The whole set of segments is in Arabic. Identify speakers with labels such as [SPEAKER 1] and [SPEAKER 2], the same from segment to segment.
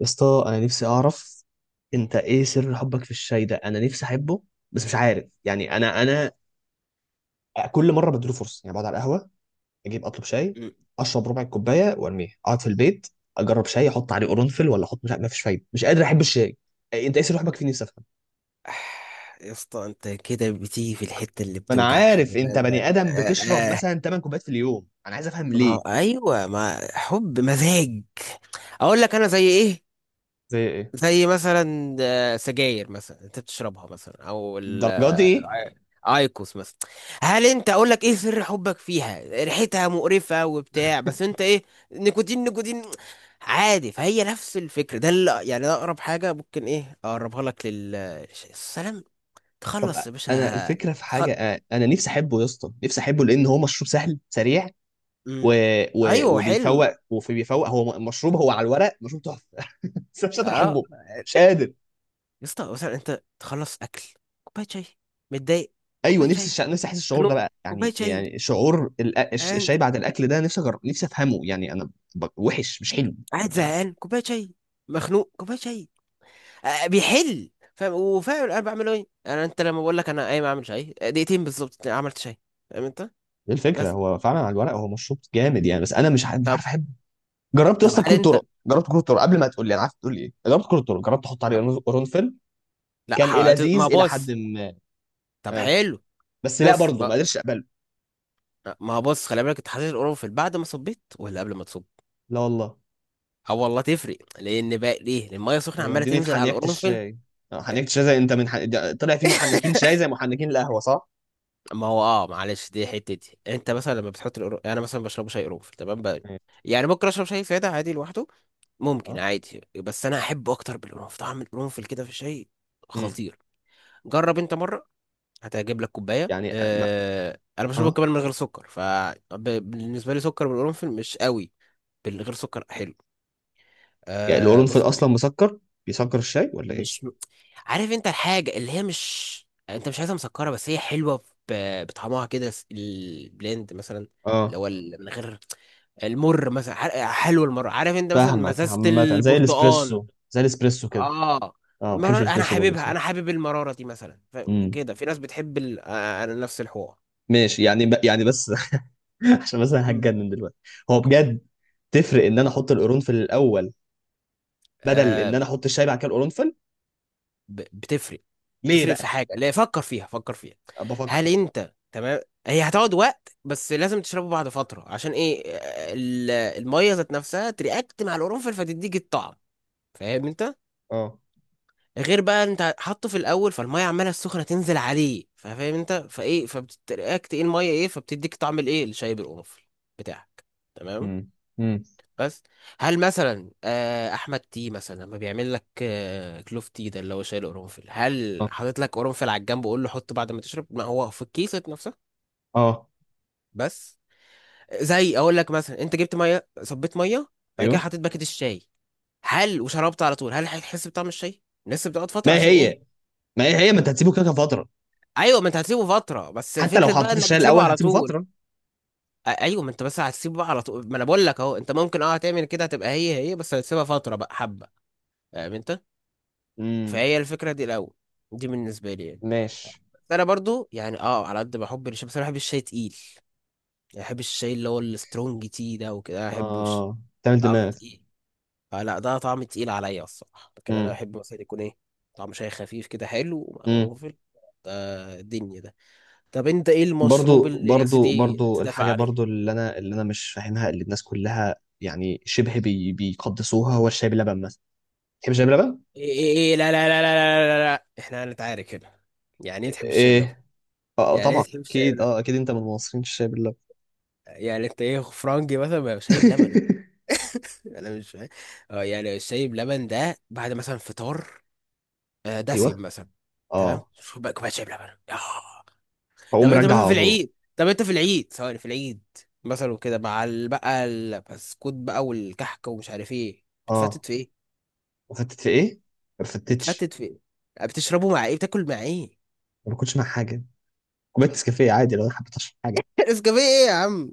[SPEAKER 1] يا اسطى انا نفسي اعرف. انت ايه سر حبك في الشاي ده؟ انا نفسي احبه، بس مش عارف، يعني انا كل مره بديله فرصه، يعني بقعد على القهوه، اجيب اطلب شاي،
[SPEAKER 2] مم.
[SPEAKER 1] اشرب ربع الكوبايه وارميه، اقعد في البيت، اجرب شاي احط عليه قرنفل ولا احط، مش عارف، مفيش فايده، مش قادر احب الشاي. إيه؟ انت ايه سر حبك فيه؟ نفسي افهم.
[SPEAKER 2] آه. يا اسطى انت كده بتيجي في الحتة اللي
[SPEAKER 1] ما انا
[SPEAKER 2] بتوجع، خلي
[SPEAKER 1] عارف انت بني
[SPEAKER 2] بالك. آه
[SPEAKER 1] ادم بتشرب
[SPEAKER 2] آه. آه.
[SPEAKER 1] مثلا 8 كوبايات في اليوم، انا عايز افهم
[SPEAKER 2] ما
[SPEAKER 1] ليه.
[SPEAKER 2] هو- ايوه، ما حب مزاج. اقول لك انا زي ايه؟
[SPEAKER 1] زي ايه؟
[SPEAKER 2] زي مثلا سجاير مثلا انت بتشربها، مثلا، او ال
[SPEAKER 1] الدرجه دي ايه؟
[SPEAKER 2] ايكوس مثلا. هل انت، اقول لك ايه سر حبك فيها؟ ريحتها مقرفة وبتاع، بس انت ايه؟ نيكوتين، نيكوتين عادي. فهي نفس الفكرة. ده اللي يعني، ده اقرب حاجة ممكن ايه اقربها لك لل السلام.
[SPEAKER 1] طب،
[SPEAKER 2] تخلص يا
[SPEAKER 1] انا
[SPEAKER 2] باشا.
[SPEAKER 1] الفكره في حاجه،
[SPEAKER 2] تخل...
[SPEAKER 1] انا نفسي احبه يا اسطى، نفسي احبه، لان هو مشروب سهل سريع
[SPEAKER 2] مم.
[SPEAKER 1] و...
[SPEAKER 2] ايوه
[SPEAKER 1] وبيفوق،
[SPEAKER 2] حلو.
[SPEAKER 1] وفي بيفوق، هو مشروب، هو على الورق مشروب تحفه بس أنا مش قادر
[SPEAKER 2] اه
[SPEAKER 1] احبه. مش
[SPEAKER 2] يا
[SPEAKER 1] قادر.
[SPEAKER 2] اسطى، مثلا انت تخلص اكل، كوبايه شاي. متضايق،
[SPEAKER 1] ايوه،
[SPEAKER 2] كوبايه
[SPEAKER 1] نفسي
[SPEAKER 2] شاي.
[SPEAKER 1] نفسي احس الشعور ده
[SPEAKER 2] خنوق،
[SPEAKER 1] بقى،
[SPEAKER 2] كوبايه
[SPEAKER 1] يعني
[SPEAKER 2] شاي.
[SPEAKER 1] يعني شعور الشاي بعد الاكل ده، نفسي نفسي افهمه، يعني وحش، مش حلو.
[SPEAKER 2] قاعد
[SPEAKER 1] يعني أنا-
[SPEAKER 2] زهقان، كوبايه شاي. مخنوق، كوبايه شاي. بيحل، فاهم؟ وفاهم انا بعمله ايه؟ انا انت لما بقول لك انا قايم اعمل شاي، دقيقتين بالظبط عملت شاي. فاهم انت؟
[SPEAKER 1] دي الفكره،
[SPEAKER 2] بس.
[SPEAKER 1] هو فعلا على الورق هو مشروب جامد يعني، بس انا مش
[SPEAKER 2] طب.
[SPEAKER 1] عارف احبه. جربت يا
[SPEAKER 2] طب
[SPEAKER 1] اسطى
[SPEAKER 2] هل
[SPEAKER 1] بكل الطرق،
[SPEAKER 2] انت.
[SPEAKER 1] جربت كل الطرق، قبل ما تقول لي انا عارف تقول لي ايه، جربت كل الطرق، جربت احط عليه
[SPEAKER 2] طب
[SPEAKER 1] قرنفل،
[SPEAKER 2] لا.
[SPEAKER 1] كان
[SPEAKER 2] ما
[SPEAKER 1] لذيذ الى حد
[SPEAKER 2] بص.
[SPEAKER 1] ما.
[SPEAKER 2] طب
[SPEAKER 1] آه.
[SPEAKER 2] حلو.
[SPEAKER 1] بس لا
[SPEAKER 2] بص
[SPEAKER 1] برضه ما
[SPEAKER 2] ما.
[SPEAKER 1] قدرتش اقبله.
[SPEAKER 2] ما بص، خلي بالك، انت حطيت القرنفل بعد ما صبيت ولا قبل ما تصب؟
[SPEAKER 1] لا والله.
[SPEAKER 2] اه والله تفرق. لان بقى ليه؟ لان الميه سخنه عماله
[SPEAKER 1] يوديني في
[SPEAKER 2] تنزل على
[SPEAKER 1] حنيكة
[SPEAKER 2] القرنفل.
[SPEAKER 1] الشاي. آه، حنيكة الشاي، زي انت ده طلع في محنكين شاي زي محنكين القهوة صح؟
[SPEAKER 2] ما هو اه، معلش، دي حتتي. انت مثلا لما بتحط القرنفل، انا مثلا بشرب شاي قرنفل، تمام بقى؟
[SPEAKER 1] مم.
[SPEAKER 2] يعني ممكن اشرب شاي ساده عادي لوحده، ممكن
[SPEAKER 1] اه.
[SPEAKER 2] عادي، بس انا احب اكتر بالقرنفل. طعم القرنفل كده في الشاي
[SPEAKER 1] امم.
[SPEAKER 2] خطير. جرب انت مره، هتعجب لك كوبايه.
[SPEAKER 1] يعني آه، ما...
[SPEAKER 2] اه انا بشربه
[SPEAKER 1] اه،
[SPEAKER 2] كمان من غير سكر، فبالنسبه لي سكر بالقرنفل مش قوي. بالغير سكر حلو.
[SPEAKER 1] يعني
[SPEAKER 2] آه
[SPEAKER 1] القرنفل
[SPEAKER 2] بص،
[SPEAKER 1] اصلا مسكر، بيسكر الشاي ولا ايه؟
[SPEAKER 2] مش عارف انت الحاجة اللي هي مش، انت مش عايزها مسكرة، بس هي حلوة. بطعمها كده. البلند مثلا، اللي
[SPEAKER 1] اه،
[SPEAKER 2] هو من غير المر مثلا. حلو المر، عارف انت، مثلا
[SPEAKER 1] فاهمك،
[SPEAKER 2] مزازة
[SPEAKER 1] عامة زي
[SPEAKER 2] البرتقال.
[SPEAKER 1] الاسبريسو، زي الاسبريسو كده.
[SPEAKER 2] اه،
[SPEAKER 1] اه، ما بحبش
[SPEAKER 2] مرار. انا
[SPEAKER 1] الاسبريسو برضه
[SPEAKER 2] حاببها، انا
[SPEAKER 1] الصراحة.
[SPEAKER 2] حابب المرارة دي مثلا.
[SPEAKER 1] امم.
[SPEAKER 2] كده، في ناس بتحب ال... انا نفس الحوار.
[SPEAKER 1] ماشي، يعني بس عشان بس انا هتجنن دلوقتي. هو بجد تفرق ان انا احط القرنفل الاول بدل ان
[SPEAKER 2] مم.
[SPEAKER 1] انا احط الشاي بعد كده القرنفل؟
[SPEAKER 2] بتفرق.
[SPEAKER 1] ليه
[SPEAKER 2] تفرق
[SPEAKER 1] بقى؟
[SPEAKER 2] في حاجه، لا فكر فيها، فكر فيها.
[SPEAKER 1] أنا بفكر.
[SPEAKER 2] هل انت تمام؟ هي هتقعد وقت، بس لازم تشربه بعد فتره. عشان ايه؟ الميه ذات نفسها ترياكت مع القرنفل، فتديك الطعم. فاهم انت؟
[SPEAKER 1] اه.
[SPEAKER 2] غير بقى انت حاطه في الاول، فالميه عماله السخنه تنزل عليه، فاهم انت؟ فايه، فبترياكت ايه الميه، ايه، فبتديك طعم الايه، الشاي بالقرنفل بتاعك. تمام؟
[SPEAKER 1] امم. امم.
[SPEAKER 2] بس. هل مثلا احمد تي مثلا لما بيعمل لك كلوف تي، ده اللي هو شايل قرنفل، هل
[SPEAKER 1] اه.
[SPEAKER 2] حاطط لك قرنفل على الجنب وقول له حطه بعد ما تشرب؟ ما هو في الكيسة نفسها.
[SPEAKER 1] آه.
[SPEAKER 2] بس. زي اقول لك مثلا، انت جبت ميه، صبيت ميه، بعد كده
[SPEAKER 1] ايوه.
[SPEAKER 2] حطيت باكيت الشاي، هل وشربت على طول؟ هل هتحس بطعم الشاي؟ لسه بتقعد فتره.
[SPEAKER 1] ما
[SPEAKER 2] عشان ايه؟
[SPEAKER 1] هي، هي ما انت هتسيبه كده كده فتره.
[SPEAKER 2] ايوه، ما انت هتسيبه فتره، بس
[SPEAKER 1] حتى لو
[SPEAKER 2] فكره بقى
[SPEAKER 1] حطيت
[SPEAKER 2] انك
[SPEAKER 1] الشاي
[SPEAKER 2] بتشربه
[SPEAKER 1] الاول
[SPEAKER 2] على
[SPEAKER 1] هتسيبه
[SPEAKER 2] طول.
[SPEAKER 1] فتره.
[SPEAKER 2] ايوه، ما انت بس هتسيبه بقى على طول، ما انا بقول لك اهو، انت ممكن اه هتعمل كده، هتبقى هي هي، بس هتسيبها فتره بقى حبه. فاهم انت؟
[SPEAKER 1] امم.
[SPEAKER 2] فهي الفكرة دي الأول، دي بالنسبة لي يعني.
[SPEAKER 1] ماشي.
[SPEAKER 2] بس أنا برضو يعني، أه، على قد بحب الشاي، بس أنا بحب الشاي تقيل. يعني بحب الشاي اللي هو السترونج تي ده، وكده أنا بحبوش.
[SPEAKER 1] اه، تعمل
[SPEAKER 2] طعم
[SPEAKER 1] دماغ.
[SPEAKER 2] تقيل، فلا، ده طعم تقيل عليا الصراحة. لكن أنا
[SPEAKER 1] امم.
[SPEAKER 2] بحب مثلا يكون إيه، طعم شاي خفيف كده حلو ومع
[SPEAKER 1] امم.
[SPEAKER 2] القرنفل ده، الدنيا ده. طب أنت إيه المشروب
[SPEAKER 1] برضو
[SPEAKER 2] اللي يا
[SPEAKER 1] برضو
[SPEAKER 2] سيدي
[SPEAKER 1] برضو
[SPEAKER 2] تدافع
[SPEAKER 1] الحاجه
[SPEAKER 2] عليه؟
[SPEAKER 1] برضو اللي انا مش فاهمها، اللي الناس كلها يعني شبه بي بيقدسوها، هو الشاي باللبن مثلا. تحب الشاي باللبن؟
[SPEAKER 2] إيه، إيه، إيه، لا لا لا لا. لا لا، لا. إحنا هنتعارك هنا. يعني إيه تحب الشاي بلبن؟
[SPEAKER 1] ايه، اه
[SPEAKER 2] يعني إيه
[SPEAKER 1] طبعا،
[SPEAKER 2] تحب الشاي
[SPEAKER 1] اكيد
[SPEAKER 2] بلبن؟
[SPEAKER 1] اه، اكيد انت من مصرين الشاي باللبن.
[SPEAKER 2] يعني أنت إيه، فرنجي مثلا؟ ما شاي بلبن، يعني انا مش فاهم. اه، يعني الشاي بلبن ده بعد مثلا فطار، دسم
[SPEAKER 1] ايوه.
[SPEAKER 2] مثلا. تمام.
[SPEAKER 1] اه.
[SPEAKER 2] شوف بقى كوبايه شاي بلبن، ياه. طب
[SPEAKER 1] اقوم
[SPEAKER 2] انت
[SPEAKER 1] راجع
[SPEAKER 2] مثلا في
[SPEAKER 1] على طول.
[SPEAKER 2] العيد، طب انت في العيد، ثواني، في العيد مثلا، وكده مع بقى البسكوت بقى والكحكه ومش عارف ايه،
[SPEAKER 1] اه،
[SPEAKER 2] بتفتت في ايه؟
[SPEAKER 1] وفتت في ايه؟ ما فتتش،
[SPEAKER 2] بتفتت في ايه؟ بتشربه مع ايه، بتاكل مع ايه؟
[SPEAKER 1] ما باكلش مع حاجه، كوبايه نسكافيه عادي لو انا حبيت اشرب حاجه.
[SPEAKER 2] نسكافيه ايه يا عم؟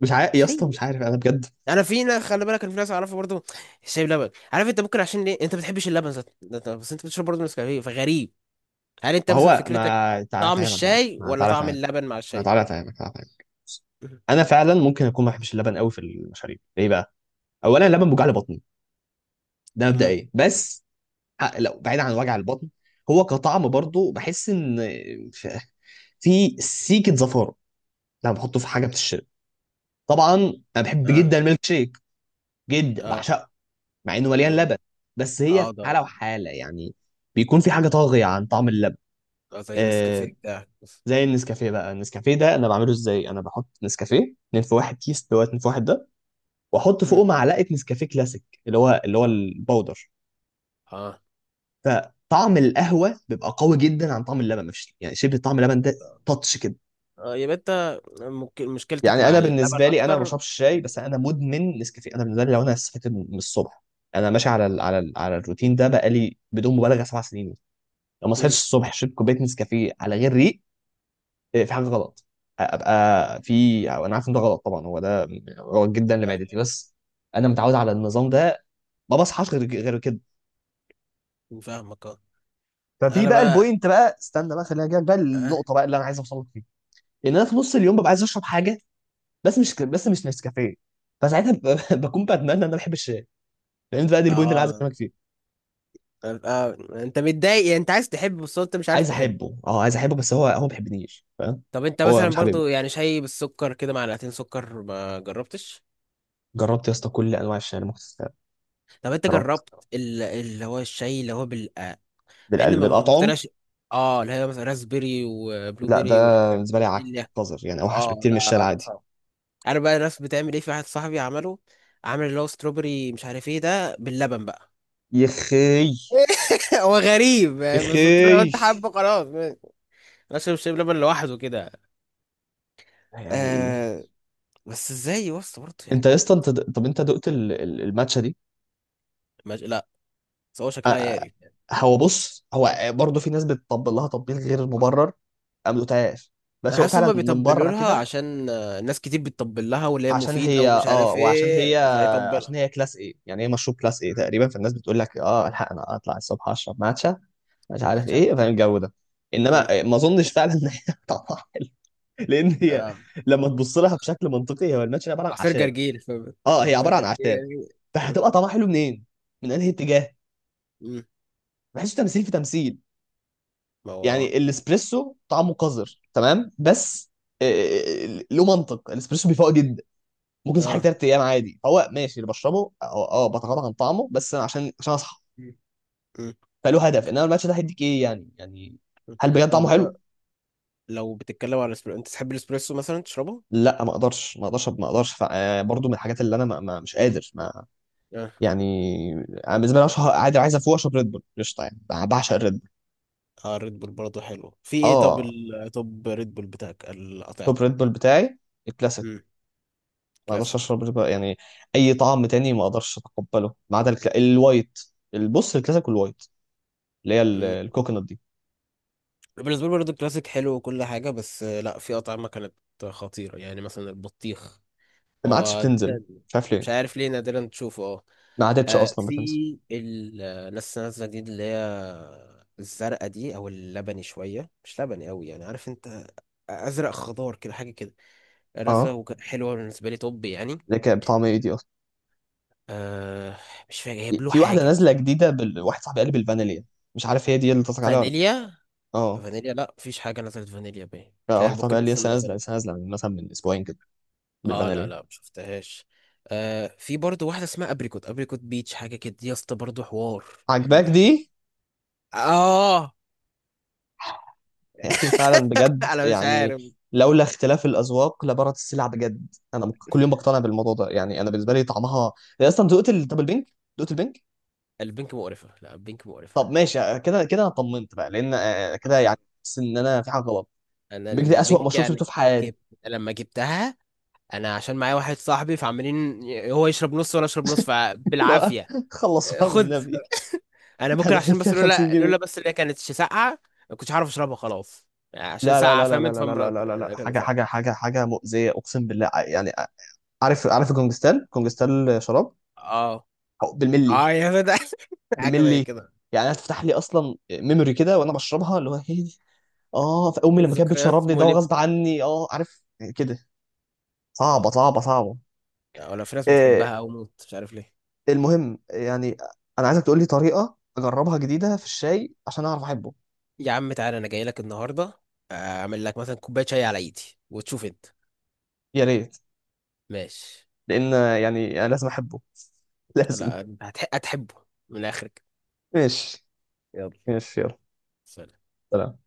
[SPEAKER 1] مش عارف يا اسطى،
[SPEAKER 2] شاي.
[SPEAKER 1] مش عارف انا بجد.
[SPEAKER 2] انا في ناس، خلي بالك، انا في ناس اعرفها برضه. الشاي بلبن، عارف انت، ممكن عشان ليه انت ما بتحبش اللبن ذات بس انت بتشرب برضه نسكافيه، فغريب. هل انت
[SPEAKER 1] ما
[SPEAKER 2] مثلا
[SPEAKER 1] هو،
[SPEAKER 2] فكرتك
[SPEAKER 1] ما تعالى
[SPEAKER 2] طعم
[SPEAKER 1] افهمك بقى،
[SPEAKER 2] الشاي
[SPEAKER 1] ما
[SPEAKER 2] ولا
[SPEAKER 1] تعالى
[SPEAKER 2] طعم
[SPEAKER 1] افهمك
[SPEAKER 2] اللبن مع
[SPEAKER 1] ما
[SPEAKER 2] الشاي؟
[SPEAKER 1] تعالى افهمك تعالى افهمك. انا فعلا ممكن اكون ما بحبش اللبن قوي في المشاريب، ليه بقى؟ اولا اللبن بيوجع لي بطني، ده
[SPEAKER 2] امم.
[SPEAKER 1] مبدئيا. بس لو بعيد عن وجع البطن، هو كطعم برضو بحس ان في، في سيكه زفاره لما بحطه في حاجه بتشرب. طبعا انا بحب
[SPEAKER 2] اه،
[SPEAKER 1] جدا الميلك شيك، جدا
[SPEAKER 2] اه
[SPEAKER 1] بعشقه، مع انه مليان
[SPEAKER 2] تمام.
[SPEAKER 1] لبن، بس هي
[SPEAKER 2] اه
[SPEAKER 1] في
[SPEAKER 2] ده،
[SPEAKER 1] حاله وحاله يعني، بيكون في حاجه طاغيه عن طعم اللبن.
[SPEAKER 2] ده زي
[SPEAKER 1] آه،
[SPEAKER 2] نسكافيه ده.
[SPEAKER 1] زي النسكافيه بقى، النسكافيه ده انا بعمله ازاي، انا بحط نسكافيه 2 في 1 كيس، اللي هو 2 في 1 ده، واحط فوقه
[SPEAKER 2] امم.
[SPEAKER 1] معلقه نسكافيه كلاسيك اللي هو البودر،
[SPEAKER 2] اه،
[SPEAKER 1] فطعم القهوه بيبقى قوي جدا عن طعم اللبن، مفيش يعني شبه طعم اللبن ده، تاتش كده.
[SPEAKER 2] اه يبقى انت ممكن مشكلتك
[SPEAKER 1] يعني
[SPEAKER 2] مع
[SPEAKER 1] انا
[SPEAKER 2] اللبن
[SPEAKER 1] بالنسبه لي انا ما
[SPEAKER 2] اكتر.
[SPEAKER 1] بشربش شاي، بس انا مدمن نسكافيه. انا بالنسبه لي لو انا صحيت من الصبح، انا ماشي على ال على ال على الروتين ده بقالي بدون مبالغه سبع سنين. لو ما صحيتش
[SPEAKER 2] امم.
[SPEAKER 1] الصبح شربت كوبايه نسكافيه على غير ريق، إيه، في حاجه غلط. ابقى في، أو انا عارف ان ده غلط طبعا، هو ده غلط جدا لمعدتي، بس انا متعود على النظام ده، ما بصحاش غير كده.
[SPEAKER 2] فاهمك، اه.
[SPEAKER 1] ففي
[SPEAKER 2] انا
[SPEAKER 1] بقى
[SPEAKER 2] بقى،
[SPEAKER 1] البوينت بقى، استنى بقى، خليني اجيلك بقى
[SPEAKER 2] اه.
[SPEAKER 1] النقطه بقى اللي انا عايز اوصل لك فيها. ان انا في نص اليوم ببقى عايز اشرب حاجه، بس مش نسكافيه. فساعتها بكون بتمنى ان انا بحب الشاي، لان بقى دي البوينت اللي عايز
[SPEAKER 2] اه،
[SPEAKER 1] اكلمك فيه.
[SPEAKER 2] انت متضايق يعني، انت عايز تحب بس انت مش عارف
[SPEAKER 1] عايز
[SPEAKER 2] تحب.
[SPEAKER 1] احبه، اه عايز احبه، بس هو ما بيحبنيش، فاهم؟
[SPEAKER 2] طب انت
[SPEAKER 1] هو
[SPEAKER 2] مثلا
[SPEAKER 1] مش حبيبي.
[SPEAKER 2] برضو يعني شاي بالسكر كده، معلقتين سكر، ما جربتش؟
[SPEAKER 1] جربت يا اسطى كل انواع الشاي اللي ممكن تتخيلها.
[SPEAKER 2] طب انت
[SPEAKER 1] جربت
[SPEAKER 2] جربت اللي هو الشاي اللي هو مع ان
[SPEAKER 1] بالقلب
[SPEAKER 2] ما
[SPEAKER 1] بالاطعم.
[SPEAKER 2] مقتنعش. اه، اللي هي مثلا راسبيري وبلو
[SPEAKER 1] لا، ده
[SPEAKER 2] بيري والحاجات
[SPEAKER 1] بالنسبه لي
[SPEAKER 2] دي
[SPEAKER 1] عك،
[SPEAKER 2] اللي.
[SPEAKER 1] قذر يعني، اوحش
[SPEAKER 2] اه
[SPEAKER 1] بكتير من الشاي
[SPEAKER 2] ده
[SPEAKER 1] العادي.
[SPEAKER 2] صعب. عارف بقى الناس بتعمل ايه؟ في واحد صاحبي عمله، عامل اللي هو ستروبري مش عارف ايه ده باللبن بقى.
[SPEAKER 1] يخي.
[SPEAKER 2] هو غريب يعني، بس قلت له لو
[SPEAKER 1] يخي.
[SPEAKER 2] انت حابه خلاص ماشي. انا شايف، شايف لبن لوحده كده.
[SPEAKER 1] يعني ايه؟
[SPEAKER 2] آه. بس ازاي يا اسطى برضه
[SPEAKER 1] انت
[SPEAKER 2] يعني؟
[SPEAKER 1] يا اسطى انت د- طب انت دقت الماتشه دي؟
[SPEAKER 2] لا، بس هو
[SPEAKER 1] آ-
[SPEAKER 2] شكلها
[SPEAKER 1] آ-
[SPEAKER 2] يعرف يعني.
[SPEAKER 1] هو بص، هو برضه في ناس بتطبل لها تطبيل غير مبرر. انا ما دقتهاش، بس
[SPEAKER 2] انا
[SPEAKER 1] هو
[SPEAKER 2] حاسس
[SPEAKER 1] فعلا
[SPEAKER 2] هما
[SPEAKER 1] من
[SPEAKER 2] بيطبلوا
[SPEAKER 1] بره
[SPEAKER 2] لها
[SPEAKER 1] كده
[SPEAKER 2] عشان ناس كتير بتطبل لها واللي هي
[SPEAKER 1] عشان
[SPEAKER 2] مفيده
[SPEAKER 1] هي
[SPEAKER 2] ومش
[SPEAKER 1] اه،
[SPEAKER 2] عارف
[SPEAKER 1] وعشان هي
[SPEAKER 2] ايه،
[SPEAKER 1] عشان
[SPEAKER 2] فيطبلها.
[SPEAKER 1] هي كلاس ايه يعني، هي مشروب كلاس ايه
[SPEAKER 2] مم.
[SPEAKER 1] تقريبا، فالناس بتقول لك اه الحق انا اطلع الصبح اشرب ماتشا، مش
[SPEAKER 2] ما
[SPEAKER 1] عارف
[SPEAKER 2] عادش عارف.
[SPEAKER 1] ايه، فاهم الجو ده.
[SPEAKER 2] مم.
[SPEAKER 1] انما ما اظنش فعلا ان هي طبعا لان هي
[SPEAKER 2] اه،
[SPEAKER 1] لما تبص لها بشكل منطقي، هو الماتش عباره عن
[SPEAKER 2] عصير
[SPEAKER 1] اعشاب.
[SPEAKER 2] جرجير، فاهم؟
[SPEAKER 1] اه، هي
[SPEAKER 2] عصير
[SPEAKER 1] عباره عن اعشاب،
[SPEAKER 2] جرجير. م-
[SPEAKER 1] فهتبقى طعمها حلو منين؟ من انهي اتجاه؟
[SPEAKER 2] م.
[SPEAKER 1] بحسه تمثيل في تمثيل.
[SPEAKER 2] ما هو اه.
[SPEAKER 1] يعني الاسبريسو طعمه قذر تمام، بس آه، له منطق، الاسبريسو بيفوق جدا، ممكن اصحى
[SPEAKER 2] اه.
[SPEAKER 1] ثلاث ايام عادي، هو ماشي اللي بشربه اه، آه، بتغاضى عن طعمه بس أنا عشان اصحى،
[SPEAKER 2] م- م-
[SPEAKER 1] فله هدف. انما الماتش ده هيديك ايه يعني؟ يعني
[SPEAKER 2] م.
[SPEAKER 1] هل بجد طعمه
[SPEAKER 2] طب،
[SPEAKER 1] حلو؟
[SPEAKER 2] لو بتتكلم على الاسبريسو، انت تحب الاسبريسو مثلا تشربه؟
[SPEAKER 1] لا، ما اقدرش. برضو من الحاجات اللي انا مش قادر ما
[SPEAKER 2] اه.
[SPEAKER 1] يعني. انا بالنسبه لي اشهر عادي عايز افوق اشرب ريد بول قشطه، يعني أنا بعشق الريد بول.
[SPEAKER 2] اه ريد بول برضه حلو، في ايه؟ طب
[SPEAKER 1] اه،
[SPEAKER 2] ال... طب ريد بول بتاعك
[SPEAKER 1] توب
[SPEAKER 2] الاطعمه؟
[SPEAKER 1] ريد بول بتاعي الكلاسيك.
[SPEAKER 2] امم.
[SPEAKER 1] ما اقدرش
[SPEAKER 2] كلاسيك.
[SPEAKER 1] اشرب ريد بول يعني اي طعم تاني، ما اقدرش اتقبله، ما عدا الوايت. البص الكلاسيك والوايت، اللي هي
[SPEAKER 2] امم.
[SPEAKER 1] الكوكونات دي،
[SPEAKER 2] بالنسبه لي برضه الكلاسيك حلو وكل حاجه، بس لا، في اطعمه كانت خطيره يعني، مثلا البطيخ.
[SPEAKER 1] ما عادش
[SPEAKER 2] هو
[SPEAKER 1] بتنزل،
[SPEAKER 2] نادراً،
[SPEAKER 1] مش عارف
[SPEAKER 2] مش
[SPEAKER 1] ليه،
[SPEAKER 2] عارف ليه نادرا تشوفه. آه.
[SPEAKER 1] ما عادتش
[SPEAKER 2] آه
[SPEAKER 1] اصلا بتنزل.
[SPEAKER 2] في ال- لسه نازله جديد اللي هي الزرقاء دي، او اللبني شويه، مش لبني قوي يعني، عارف انت، ازرق خضار كده، حاجه كده. رزه
[SPEAKER 1] اه،
[SPEAKER 2] حلوه بالنسبه لي. طب يعني،
[SPEAKER 1] اللي كانت بطعم ايه دي اصلا؟
[SPEAKER 2] آه، مش فاكر جايب له
[SPEAKER 1] في واحده
[SPEAKER 2] حاجه.
[SPEAKER 1] نازله
[SPEAKER 2] مش
[SPEAKER 1] جديده واحد صاحبي قال لي بالفانيليا، مش عارف هي دي اللي قصدك عليها ولا.
[SPEAKER 2] فانيليا؟
[SPEAKER 1] اه.
[SPEAKER 2] فانيليا، لا، مفيش حاجه نزلت فانيليا باين،
[SPEAKER 1] لا،
[SPEAKER 2] مش عارف،
[SPEAKER 1] واحد صاحبي
[SPEAKER 2] ممكن
[SPEAKER 1] قال لي
[SPEAKER 2] لسه ما
[SPEAKER 1] لسه نازله،
[SPEAKER 2] نزلت.
[SPEAKER 1] لسه نازله من مثلا من اسبوعين كده،
[SPEAKER 2] اه لا
[SPEAKER 1] بالفانيليا.
[SPEAKER 2] لا، ما شفتهاش. آه في برضه واحده اسمها ابريكوت، ابريكوت بيتش، حاجه كده. دي يا اسطى برضه حوار، حلو
[SPEAKER 1] عجباك
[SPEAKER 2] حلو.
[SPEAKER 1] دي؟
[SPEAKER 2] اه.
[SPEAKER 1] يا اخي فعلا بجد
[SPEAKER 2] انا مش
[SPEAKER 1] يعني،
[SPEAKER 2] عارف.
[SPEAKER 1] لولا اختلاف الاذواق لبارت السلع. بجد انا كل يوم بقتنع بالموضوع ده. يعني انا بالنسبه لي طعمها، أنا اصلا دقت طب البنك، دقت البنك.
[SPEAKER 2] البنك مقرفة، لا البنك مقرفة.
[SPEAKER 1] طب ماشي، آه، كده كده انا طمنت بقى، لان كده
[SPEAKER 2] آه.
[SPEAKER 1] يعني، بس ان انا في حاجه غلط.
[SPEAKER 2] انا
[SPEAKER 1] البنك ده اسوأ
[SPEAKER 2] البنك
[SPEAKER 1] مشروب شفته
[SPEAKER 2] يعني.
[SPEAKER 1] في حياتي.
[SPEAKER 2] جبت، لما جبتها، انا عشان معايا واحد صاحبي، فعمالين هو يشرب نص وانا اشرب نص،
[SPEAKER 1] اللي هو
[SPEAKER 2] فبالعافيه.
[SPEAKER 1] خلصوها
[SPEAKER 2] خد.
[SPEAKER 1] بالنبي.
[SPEAKER 2] انا
[SPEAKER 1] احنا
[SPEAKER 2] ممكن
[SPEAKER 1] دافعين
[SPEAKER 2] عشان
[SPEAKER 1] فيها
[SPEAKER 2] بس،
[SPEAKER 1] 50
[SPEAKER 2] لولا، لولا
[SPEAKER 1] جنيه
[SPEAKER 2] بس اللي هي كانت ساقعه ما كنتش عارف اشربها خلاص. يعني عشان
[SPEAKER 1] لا لا
[SPEAKER 2] ساقعه،
[SPEAKER 1] لا لا
[SPEAKER 2] فهمت؟
[SPEAKER 1] لا لا لا
[SPEAKER 2] فمرض
[SPEAKER 1] لا لا لا،
[SPEAKER 2] يعني، كان
[SPEAKER 1] حاجه حاجه
[SPEAKER 2] ساقعه.
[SPEAKER 1] حاجه حاجه مؤذيه، اقسم بالله. يعني آه، عارف عارف الكونجستال؟ كونجستال شراب.
[SPEAKER 2] اه.
[SPEAKER 1] بالملي.
[SPEAKER 2] اه يا فتى. حاجه زي
[SPEAKER 1] بالملي.
[SPEAKER 2] كده.
[SPEAKER 1] يعني انا تفتح لي اصلا ميموري كده وانا بشربها، اللي هو هي دي، اه في امي لما كانت
[SPEAKER 2] ذكريات
[SPEAKER 1] بتشربني ده
[SPEAKER 2] مؤلمه.
[SPEAKER 1] غصب عني، اه عارف كده. صعبه
[SPEAKER 2] اه.
[SPEAKER 1] صعبه صعبه.
[SPEAKER 2] لا، ولا في ناس
[SPEAKER 1] آه.
[SPEAKER 2] بتحبها او موت، مش عارف ليه.
[SPEAKER 1] المهم يعني، انا عايزك تقول لي طريقه اجربها جديده في الشاي عشان اعرف احبه.
[SPEAKER 2] يا عم تعالى، انا جاي لك النهارده، اعمل لك مثلا كوبايه شاي على ايدي، وتشوف انت.
[SPEAKER 1] يا ريت،
[SPEAKER 2] ماشي.
[SPEAKER 1] لان يعني انا لازم احبه لازم.
[SPEAKER 2] لا انت هتحبه، من الاخر كده.
[SPEAKER 1] ماشي.
[SPEAKER 2] يلا.
[SPEAKER 1] ماشي يلا.
[SPEAKER 2] سلام.
[SPEAKER 1] سلام.